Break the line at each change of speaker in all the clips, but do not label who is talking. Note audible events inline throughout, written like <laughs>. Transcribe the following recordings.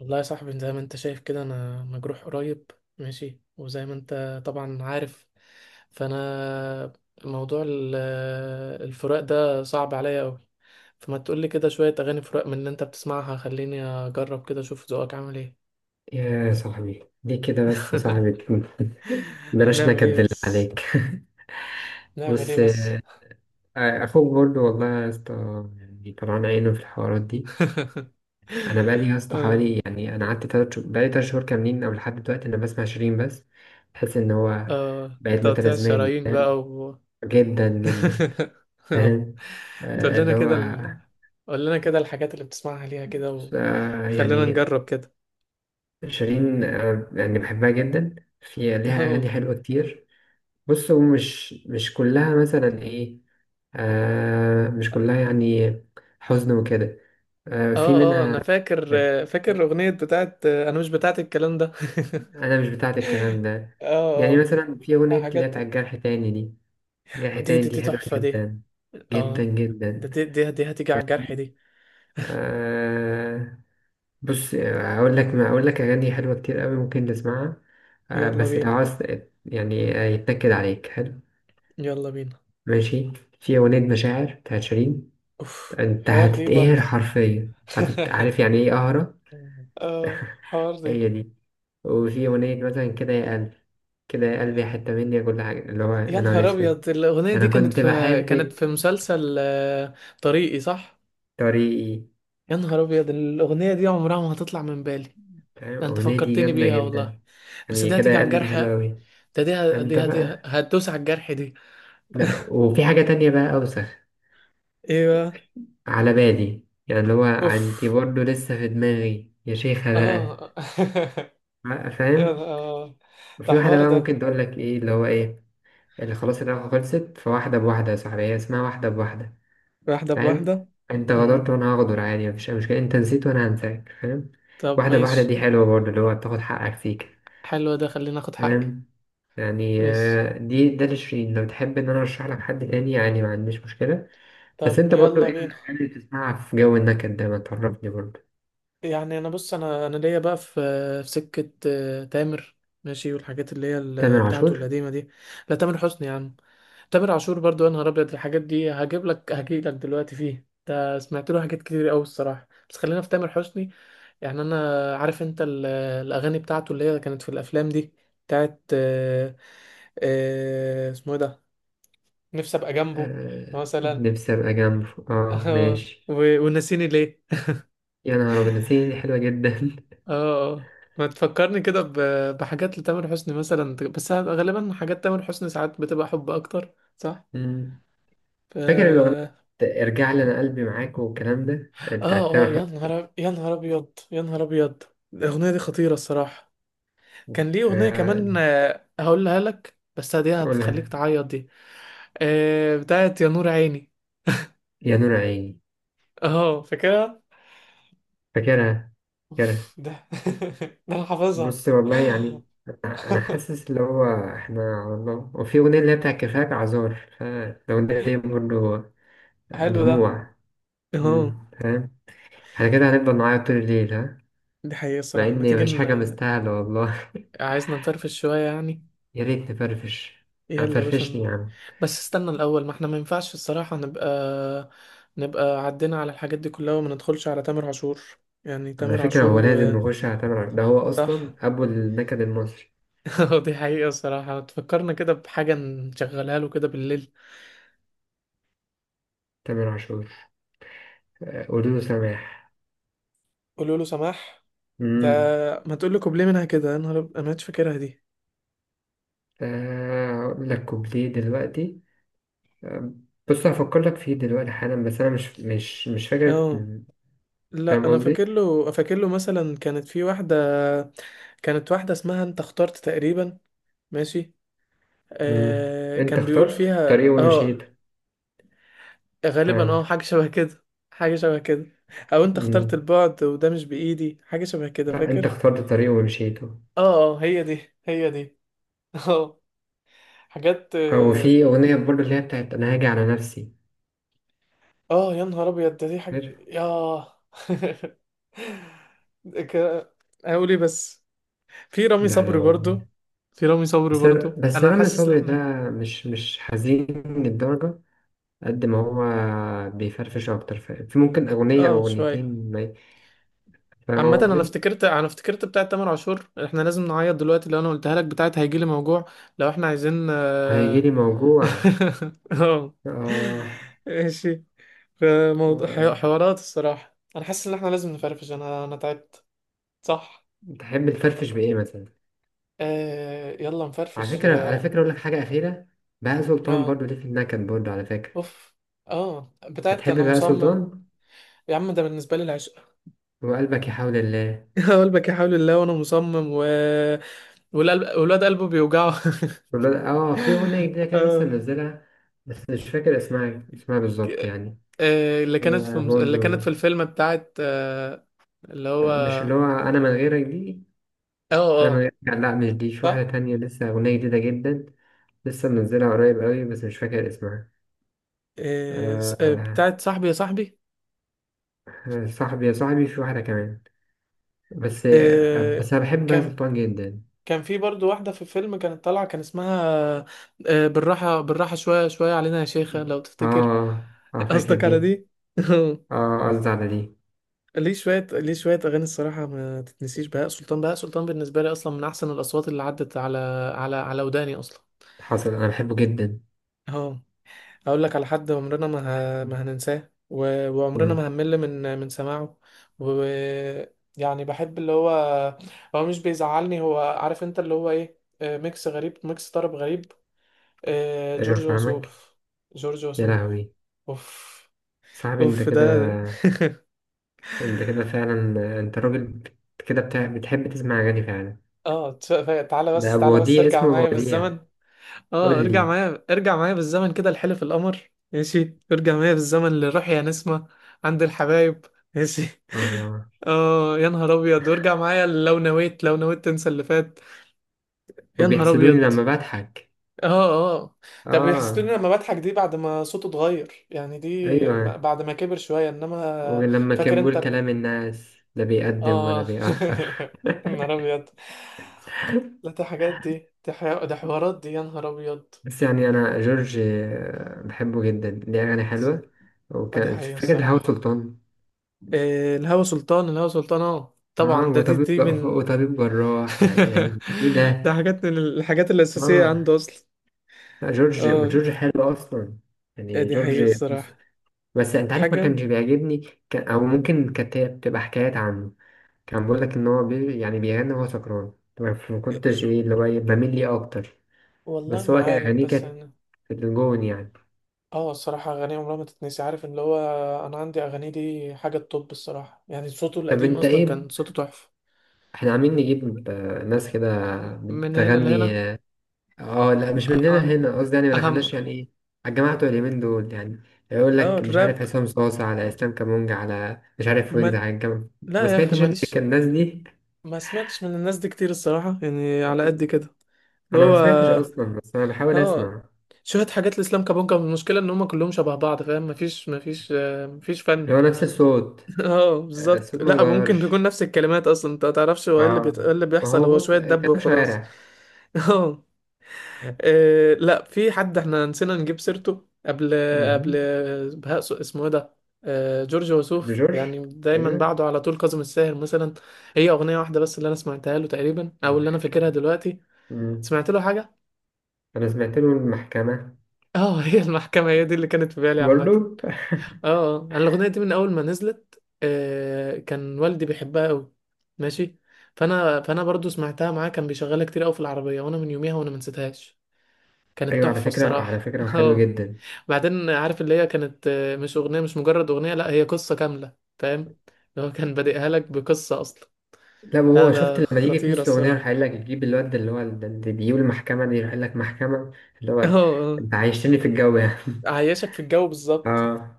والله يا صاحبي، زي ما انت شايف كده انا مجروح قريب. ماشي، وزي ما انت طبعا عارف، فانا موضوع الفراق ده صعب عليا قوي. فما تقولي كده شوية اغاني فراق من اللي انت بتسمعها، خليني اجرب كده اشوف ذوقك عامل ايه.
يا صاحبي ليه كده بس يا صاحبي.
<laughs>
<laughs> بلاش
نعمل
نكد
ايه
بالله
بس؟
عليك. <laughs>
نعمل ايه
بص،
بس؟
اخوك برضو والله يا اسطى، يعني طلعان عينه في الحوارات دي.
<laughs>
انا بقالي يا اسطى
اه،
حوالي، يعني انا قعدت تلات شهور، بقالي تلات شهور كاملين او لحد دلوقتي انا بسمع شيرين بس. بحس ان هو
اه،
بقت
تقطيع
متلازماني
الشرايين
فاهم،
بقى و...
جدا جدا. <laughs>
<laughs>
فاهم.
تقول لنا
اللي هو
كده قول لنا كده الحاجات اللي بتسمعها ليها كده، وخلينا
يعني
نجرب كده.
شيرين يعني بحبها جدا. في
<laughs>
ليها
اه،
اغاني حلوه كتير. بص هو مش كلها مثلا ايه. مش كلها يعني حزن وكده. في
اه، اه،
منها.
انا فاكر
كانت-
فاكر الاغنيه بتاعت "انا مش بتاعت الكلام ده".
أنا مش بتاعت الكلام
<laughs>
ده. يعني
اه،
مثلا في
اه،
أغنية اللي هي
حاجات.
بتاعت جرح تاني دي، جرح
دي
تاني
دي دي
دي حلوة
تحفه دي.
جدا، جدا
اه، ده
جدا.
دي هتيجي على الجرح دي.
آه بص، أقول لك ما أقول لك أغاني حلوة كتير أوي ممكن تسمعها.
يلا
بس لو
بينا،
عاوز يعني يتنكد عليك حلو.
يلا بينا.
ماشي. في أغنية مشاعر بتاعت شيرين.
اوف،
أنت
حوار دي
هتتقهر
برضه.
حرفيا،
<laughs>
عارف يعني إيه قهرة؟
اه، حوار دي.
هي دي. وفي أغنية مثلا كده يا قلبي، كده يا قلبي، حتة مني، كل حاجة، اللي هو يا
يا
نهار
نهار
أسود،
ابيض، الاغنيه دي
أنا
كانت
كنت
في كانت
بحبك،
في مسلسل "طريقي"، صح.
طريقي.
يا نهار ابيض، الاغنيه دي عمرها ما هتطلع من بالي.
فاهم
ده انت
الأغنية دي
فكرتني
جامدة
بيها والله.
جدا.
بس
يعني
دي
كده
هتيجي
يا
على
قلبي دي
الجرح
حلوة أوي.
ده. دي ه-
أنت
دي هت-
بقى
هتدوس على الجرح دي.
لأ، وفي حاجة تانية بقى أوسخ
ايوه،
على بالي، يعني اللي هو أنت
اوف،
برضه لسه في دماغي يا شيخة بقى،
اه. <laughs>
بقى
يا
فاهم.
ده
وفي واحدة
حوار
بقى
ده.
ممكن تقول لك إيه، اللي هو إيه اللي خلاص العلاقة خلصت، فواحدة بواحدة يا صاحبي، هي اسمها واحدة بواحدة،
واحدة
فاهم.
بواحدة.
انت غدرت
امم
وانا هغدر عادي، مفيش اي مشكله، انت نسيت وانا هنساك، فاهم.
طب
واحده بواحده
ماشي.
دي حلوه برضه، اللي هو تاخد حقك فيك،
حلو ده، خلينا اخد حقي.
فاهم. يعني
ماشي،
دي ده لشيرين، لو تحب ان انا ارشح لك حد تاني يعني ما عنديش مشكله. بس
طب
انت برضه
يلا
ايه
بينا.
الاغاني اللي بتسمعها في جو النكد ده؟ ما تعرفني برضه.
يعني انا بص، انا ليا بقى في سكة تامر. ماشي، والحاجات اللي هي
تامر
بتاعته
عاشور.
القديمة دي. لا، تامر حسني يا عم. تامر عاشور برضو، يا نهار ابيض! الحاجات دي هجي لك دلوقتي فيه. ده سمعت له حاجات كتير قوي الصراحه، بس خلينا في تامر حسني. يعني انا عارف انت الاغاني بتاعته اللي هي كانت في الافلام دي، بتاعت اسمه ايه ده، "نفسي ابقى جنبه"
آه،
مثلا.
نفسي ابقى جنبه،
<laughs>
اه ماشي.
ونسيني ليه.
يا نهار ابيض، نسيني دي
<laughs>
حلوه جدا. <laughs>
اه، اه، ما تفكرني كده بحاجات لتامر حسني مثلا، بس غالبا حاجات تامر حسني ساعات بتبقى حب اكتر، صح؟
مم. فاكر الاغنيه
ف
بتاعت ارجع لي، انا قلبي معاك والكلام ده، بتاعت
اه، اه.
تامر حسني.
يا نهار ابيض، يا نهار ابيض! الاغنيه دي خطيره الصراحه. كان ليه اغنيه
آه،
كمان، هقولها لك، بس دي هتخليك
قولها.
تعيط دي. بتاعت "يا نور عيني".
يا نور عيني.
اه، فاكرها.
فاكرها فاكرها.
ده <laughs> ده انا حافظها.
بص والله يعني أنا حاسس اللي هو إحنا على الله. وفي أغنية اللي هي بتاع كفاك عذار، فالأغنية دي برضه
حلو ده.
دموع.
اه،
مم، فاهم. إحنا كده هنفضل نعيط طول الليل ها؟
دي حقيقه
مع
الصراحه. ما
إن
تيجي
مفيش حاجة مستاهلة والله.
عايزنا نفرفش شويه يعني.
<laughs> يا ريت نفرفش. يعني
يلا يا باشا
فرفشني يا عم.
بس استنى الاول، ما احنا ما ينفعش الصراحه نبقى عدينا على الحاجات دي كلها وما ندخلش على تامر عاشور، يعني
على
تامر
فكرة
عاشور
هو
و...
لازم نخش على تامر عاشور، ده هو
صح.
أصلا أبو النكد المصري.
<laughs> دي حقيقة الصراحة، تفكرنا كده بحاجة نشغلها له كده بالليل.
تامر عاشور، قولوا له سماح.
"قولوا له سماح". ده
مم.
ما تقول له كوبليه منها كده، انا مش فاكرها دي.
هقول لك كوبليه دلوقتي. بص هفكر لك فيه دلوقتي حالا، بس انا مش فاكر.
اه، لا
فاهم
انا
قصدي.
فاكر له مثلا. كانت في واحدة، كانت واحدة اسمها "انت اخترت" تقريبا. ماشي،
مم. انت
كان بيقول
اخترت
فيها
طريق ومشيت.
اه، غالبا
تمام.
حاجة شبه كده، حاجة شبه كده. او "انت اخترت
مم.
البعد وده مش بإيدي"، حاجة شبه كده
لا، انت
فاكر.
اخترت طريق ومشيته.
اه، اه، هي دي، هي دي. <laughs> اه، حاجات.
او في اغنيه برضه اللي هي بتاعت انا هاجي على نفسي.
اه، يا نهار ابيض ده، دي حاجه،
فاكر؟
ياه! <laughs> ك- هقول ايه بس. في رامي
ده
صبري
لو
برضو في رامي صبري
بس
برضو، انا
رامي
حاسس ان
صبري ده
احنا،
مش حزين للدرجه، قد ما هو بيفرفش اكتر، في ممكن اغنيه او
اه، شويه.
اغنيتين،
عامة
فاهم
انا
قصدي.
افتكرت انا افتكرت بتاعة تامر عاشور احنا لازم نعيط دلوقتي. لو انا قلتها لك بتاعة "هيجيلي موجوع"، لو احنا عايزين اه.
هيجيلي موجوع
<laughs> آه،
اه.
ماشي. فموضوع حوارات الصراحة، انا حاسس ان احنا لازم نفرفش، انا تعبت. صح.
تحب تفرفش بايه مثلا؟
يلا
على
نفرفش،
فكره على
اه.
فكره اقول لك حاجه اخيره. بهاء سلطان
آه.
برضو ليه في النكد برضو على فكره.
اوف، اه، بتاعت
بتحب
"انا
بهاء
مصمم".
سلطان؟
يا عم ده بالنسبه لي العشق.
وقلبك يحاول الله.
<laughs> "قلبك يا حول الله"، "وانا مصمم" "والقلب"، "والواد قلبه بيوجعه".
اه، في اغنيه
<laughs>
جديده كده لسه
آه.
منزلها، بس مش فاكر اسمها بالظبط
ك-
يعني.
اللي كانت في
هي
اللي كانت في
برضو
الفيلم بتاعت، اللي هو،
لا، مش اللي هو انا من غيرك دي.
اه،
انا من
اه،
غيرك لا مش دي، في واحده
صح.
تانية لسه، اغنيه جديده جدا، لسه منزلها قريب قوي، بس مش فاكر اسمها. آه
بتاعت "صاحبي يا صاحبي".
صاحبي يا صاحبي، في واحده كمان، بس
آه،
بس انا بحب بهاء
كان
سلطان جدا.
كان في برضو واحدة في الفيلم كانت طالعة، كان اسمها "بالراحة بالراحة، شوية شوية علينا يا شيخة"،
اه
لو تفتكر. <laughs>
فاكر
قصدك على
دي.
دي. <laughs>
اه، قصدي على دي.
ليه شوية أغاني الصراحة ما تتنسيش. بهاء سلطان، بهاء سلطان بالنسبة لي أصلا من أحسن الأصوات اللي عدت على وداني أصلا.
حصل، انا بحبه جدا.
أهو، أقول لك على حد عمرنا ما، ما هننساه، وعمرنا
مم.
ما هنمل من سماعه و... يعني بحب اللي هو مش بيزعلني. هو عارف أنت اللي هو إيه، ميكس غريب، ميكس طرب غريب.
ايوه
جورج
فاهمك.
وسوف، جورج
يا
وسوف.
لهوي.
أوف.
صاحبي انت
أوف
كده،
ده. <laughs>
انت كده فعلا. انت راجل كده بتحب تسمع اغاني فعلا.
اه، تعالى
ده
بس،
ابو
تعالى بس
وديع،
ارجع
اسمه ابو
معايا بالزمن.
وديع. قول
اه، ارجع
لي.
معايا، ارجع معايا بالزمن كده، "لحلف القمر" ماشي، ارجع معايا بالزمن "للروح يا نسمة"، "عند الحبايب" ماشي. <laughs>
اه،
اه، يا نهار ابيض، "وارجع معايا لو نويت، لو نويت تنسى اللي فات". يا نهار
وبيحسدوني
ابيض.
لما بضحك.
اه، اه، ده "بيحسدوني
اه،
لما بضحك" دي بعد ما صوته اتغير يعني، دي
ايوه،
بعد ما كبر شوية، انما،
ولما كان
فاكر انت
بيقول كلام الناس لا بيقدم ولا
اه.
بيأخر.
<laughs> يا نهار ابيض.
<laughs>
لا، دي حاجات دي حوارات دي، يا نهار ابيض.
بس يعني انا جورج بحبه جدا، ليه اغاني حلوه.
دي
وكان
حقيقة
فاكر الهوا
الصراحة.
سلطان.
إيه، "الهوى سلطان"، "الهوى سلطان" اه
اه،
طبعا، ده دي
وطبيب
دي من.
وطبيب جراح، يعني ايه
<laughs> ده
ده.
حاجات من الحاجات الأساسية
اه،
عنده أصلا.
لا، جورج
اه،
جورج حلو اصلا.
إيه،
يعني
دي حقيقة
جورج بص،
الصراحة.
بس انت عارف ما
حاجة،
كانش بيعجبني. كان او ممكن كانت هي بتبقى حكايات عنه، كان بيقول لك ان هو يعني بيغني وهو سكران طبعا، فما
إيه،
كنتش ايه اللي هو بميل ليه اكتر.
والله
بس
ما
هو كان
عارف
اغانيه
بس
كانت
أنا،
في الجون يعني.
اه، الصراحة أغانيه عمرها ما تتنسي. عارف اللي هو، أنا عندي أغانيه دي حاجة الطب الصراحة يعني. صوته
طب
القديم
انت
أصلا
ايه؟
كان صوته تحفة.
احنا عاملين نجيب ناس كده
من هنا
بتغني
لهنا.
اه. لا، مش مننا
أهم،
هنا قصدي، يعني ما
أهم.
دخلناش يعني ايه، على الجماعة بتوع اليمين دول يعني. يقول
اه،
لك مش عارف
الراب،
حسام صاصة، على اسلام كامونج، على مش عارف ويجز
ما...
على الجامعة. ما
لا يا أخي
سمعتش انت
ماليش.
كان الناس دي؟
ما سمعتش من الناس دي كتير الصراحة، يعني على قد كده، اللي
انا ما
هو،
سمعتش اصلا، بس انا بحاول
اه،
اسمع.
شوية حاجات الاسلام كابونجا. المشكلة ان هم كلهم شبه بعض، فاهم؟ مفيش
اللي
فن.
هو نفس الصوت،
<laughs> اه، بالظبط.
الصوت ما
لا ممكن
بيتغيرش.
تكون نفس الكلمات اصلا، انت متعرفش هو ايه اللي
اه،
إيه اللي
ما
بيحصل،
هو
هو
بص
شوية دب
كلام
وخلاص.
شوارع.
<laughs> اه، لا، في حد احنا نسينا نجيب سيرته قبل، قبل
مهم.
اسمه ايه ده، جورج
ابن
وسوف.
جورج.
يعني دايما
ايوه،
بعده على طول كاظم الساهر مثلا. هي اغنية واحدة بس اللي انا سمعتها له تقريبا، او اللي انا فاكرها
المحكمة.
دلوقتي.
مم.
سمعت له حاجة.
انا سمعت له المحكمة
<laughs> اه، هي "المحكمة" هي دي اللي كانت في بالي
برضو.
عامة. اه، اه، انا الاغنيه دي من اول ما نزلت، كان والدي بيحبها قوي. ماشي، فانا برضو سمعتها معاه، كان بيشغلها كتير قوي في العربيه، وانا من يوميها وانا ما نسيتهاش. كانت
ايوه على
تحفه
فكره،
الصراحه. <laughs>
وحلو
اه.
جدا.
بعدين عارف اللي هي كانت، مش مجرد اغنيه، لا هي قصه كامله، فاهم؟ اللي هو كان بادئها لك بقصه اصلا.
لا،
لا،
وهو
ده
شفت لما يجي في
خطيره
نص الاغنيه يروح
الصراحه.
قايل لك
<laughs>
يجيب الواد اللي هو اللي بيجيب المحكمه دي، يروح قايل لك محكمه. اللي
اه،
هو
اه،
انت عايشتني في الجو يعني. <laughs>
عايشك في الجو بالظبط.
اه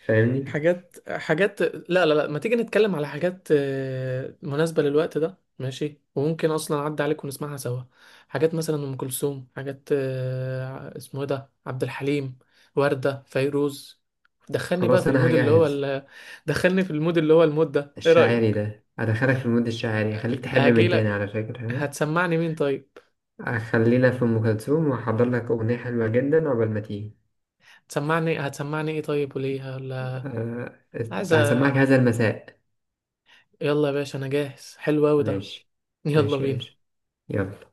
فاهمني.
حاجات لا، لا، لا، ما تيجي نتكلم على حاجات مناسبة للوقت ده ماشي، وممكن اصلا اعدي عليك ونسمعها سوا. حاجات مثلا ام كلثوم، حاجات، اسمه إيه ده، عبد الحليم، وردة، فيروز. دخلني بقى
خلاص
في
انا
المود اللي هو
هجهز.
دخلني في المود اللي هو المود ده، ايه
الشاعري
رأيك؟
ده؟ ادخلك في المود الشاعري، اخليك تحب
هاجي
من تاني
لك.
على فكره.
هتسمعني مين طيب؟
ها خلينا في ام كلثوم، واحضر لك اغنيه حلوه جدا عقبال ما تيجي.
هتسمعني ايه طيب؟ وليه؟ ولا
أه،
عايزة؟
هسمعك هذا المساء.
يلا يا باشا انا جاهز، حلو اوي ده،
ماشي.
يلا
ماشي يا باشا.
بينا.
يلا.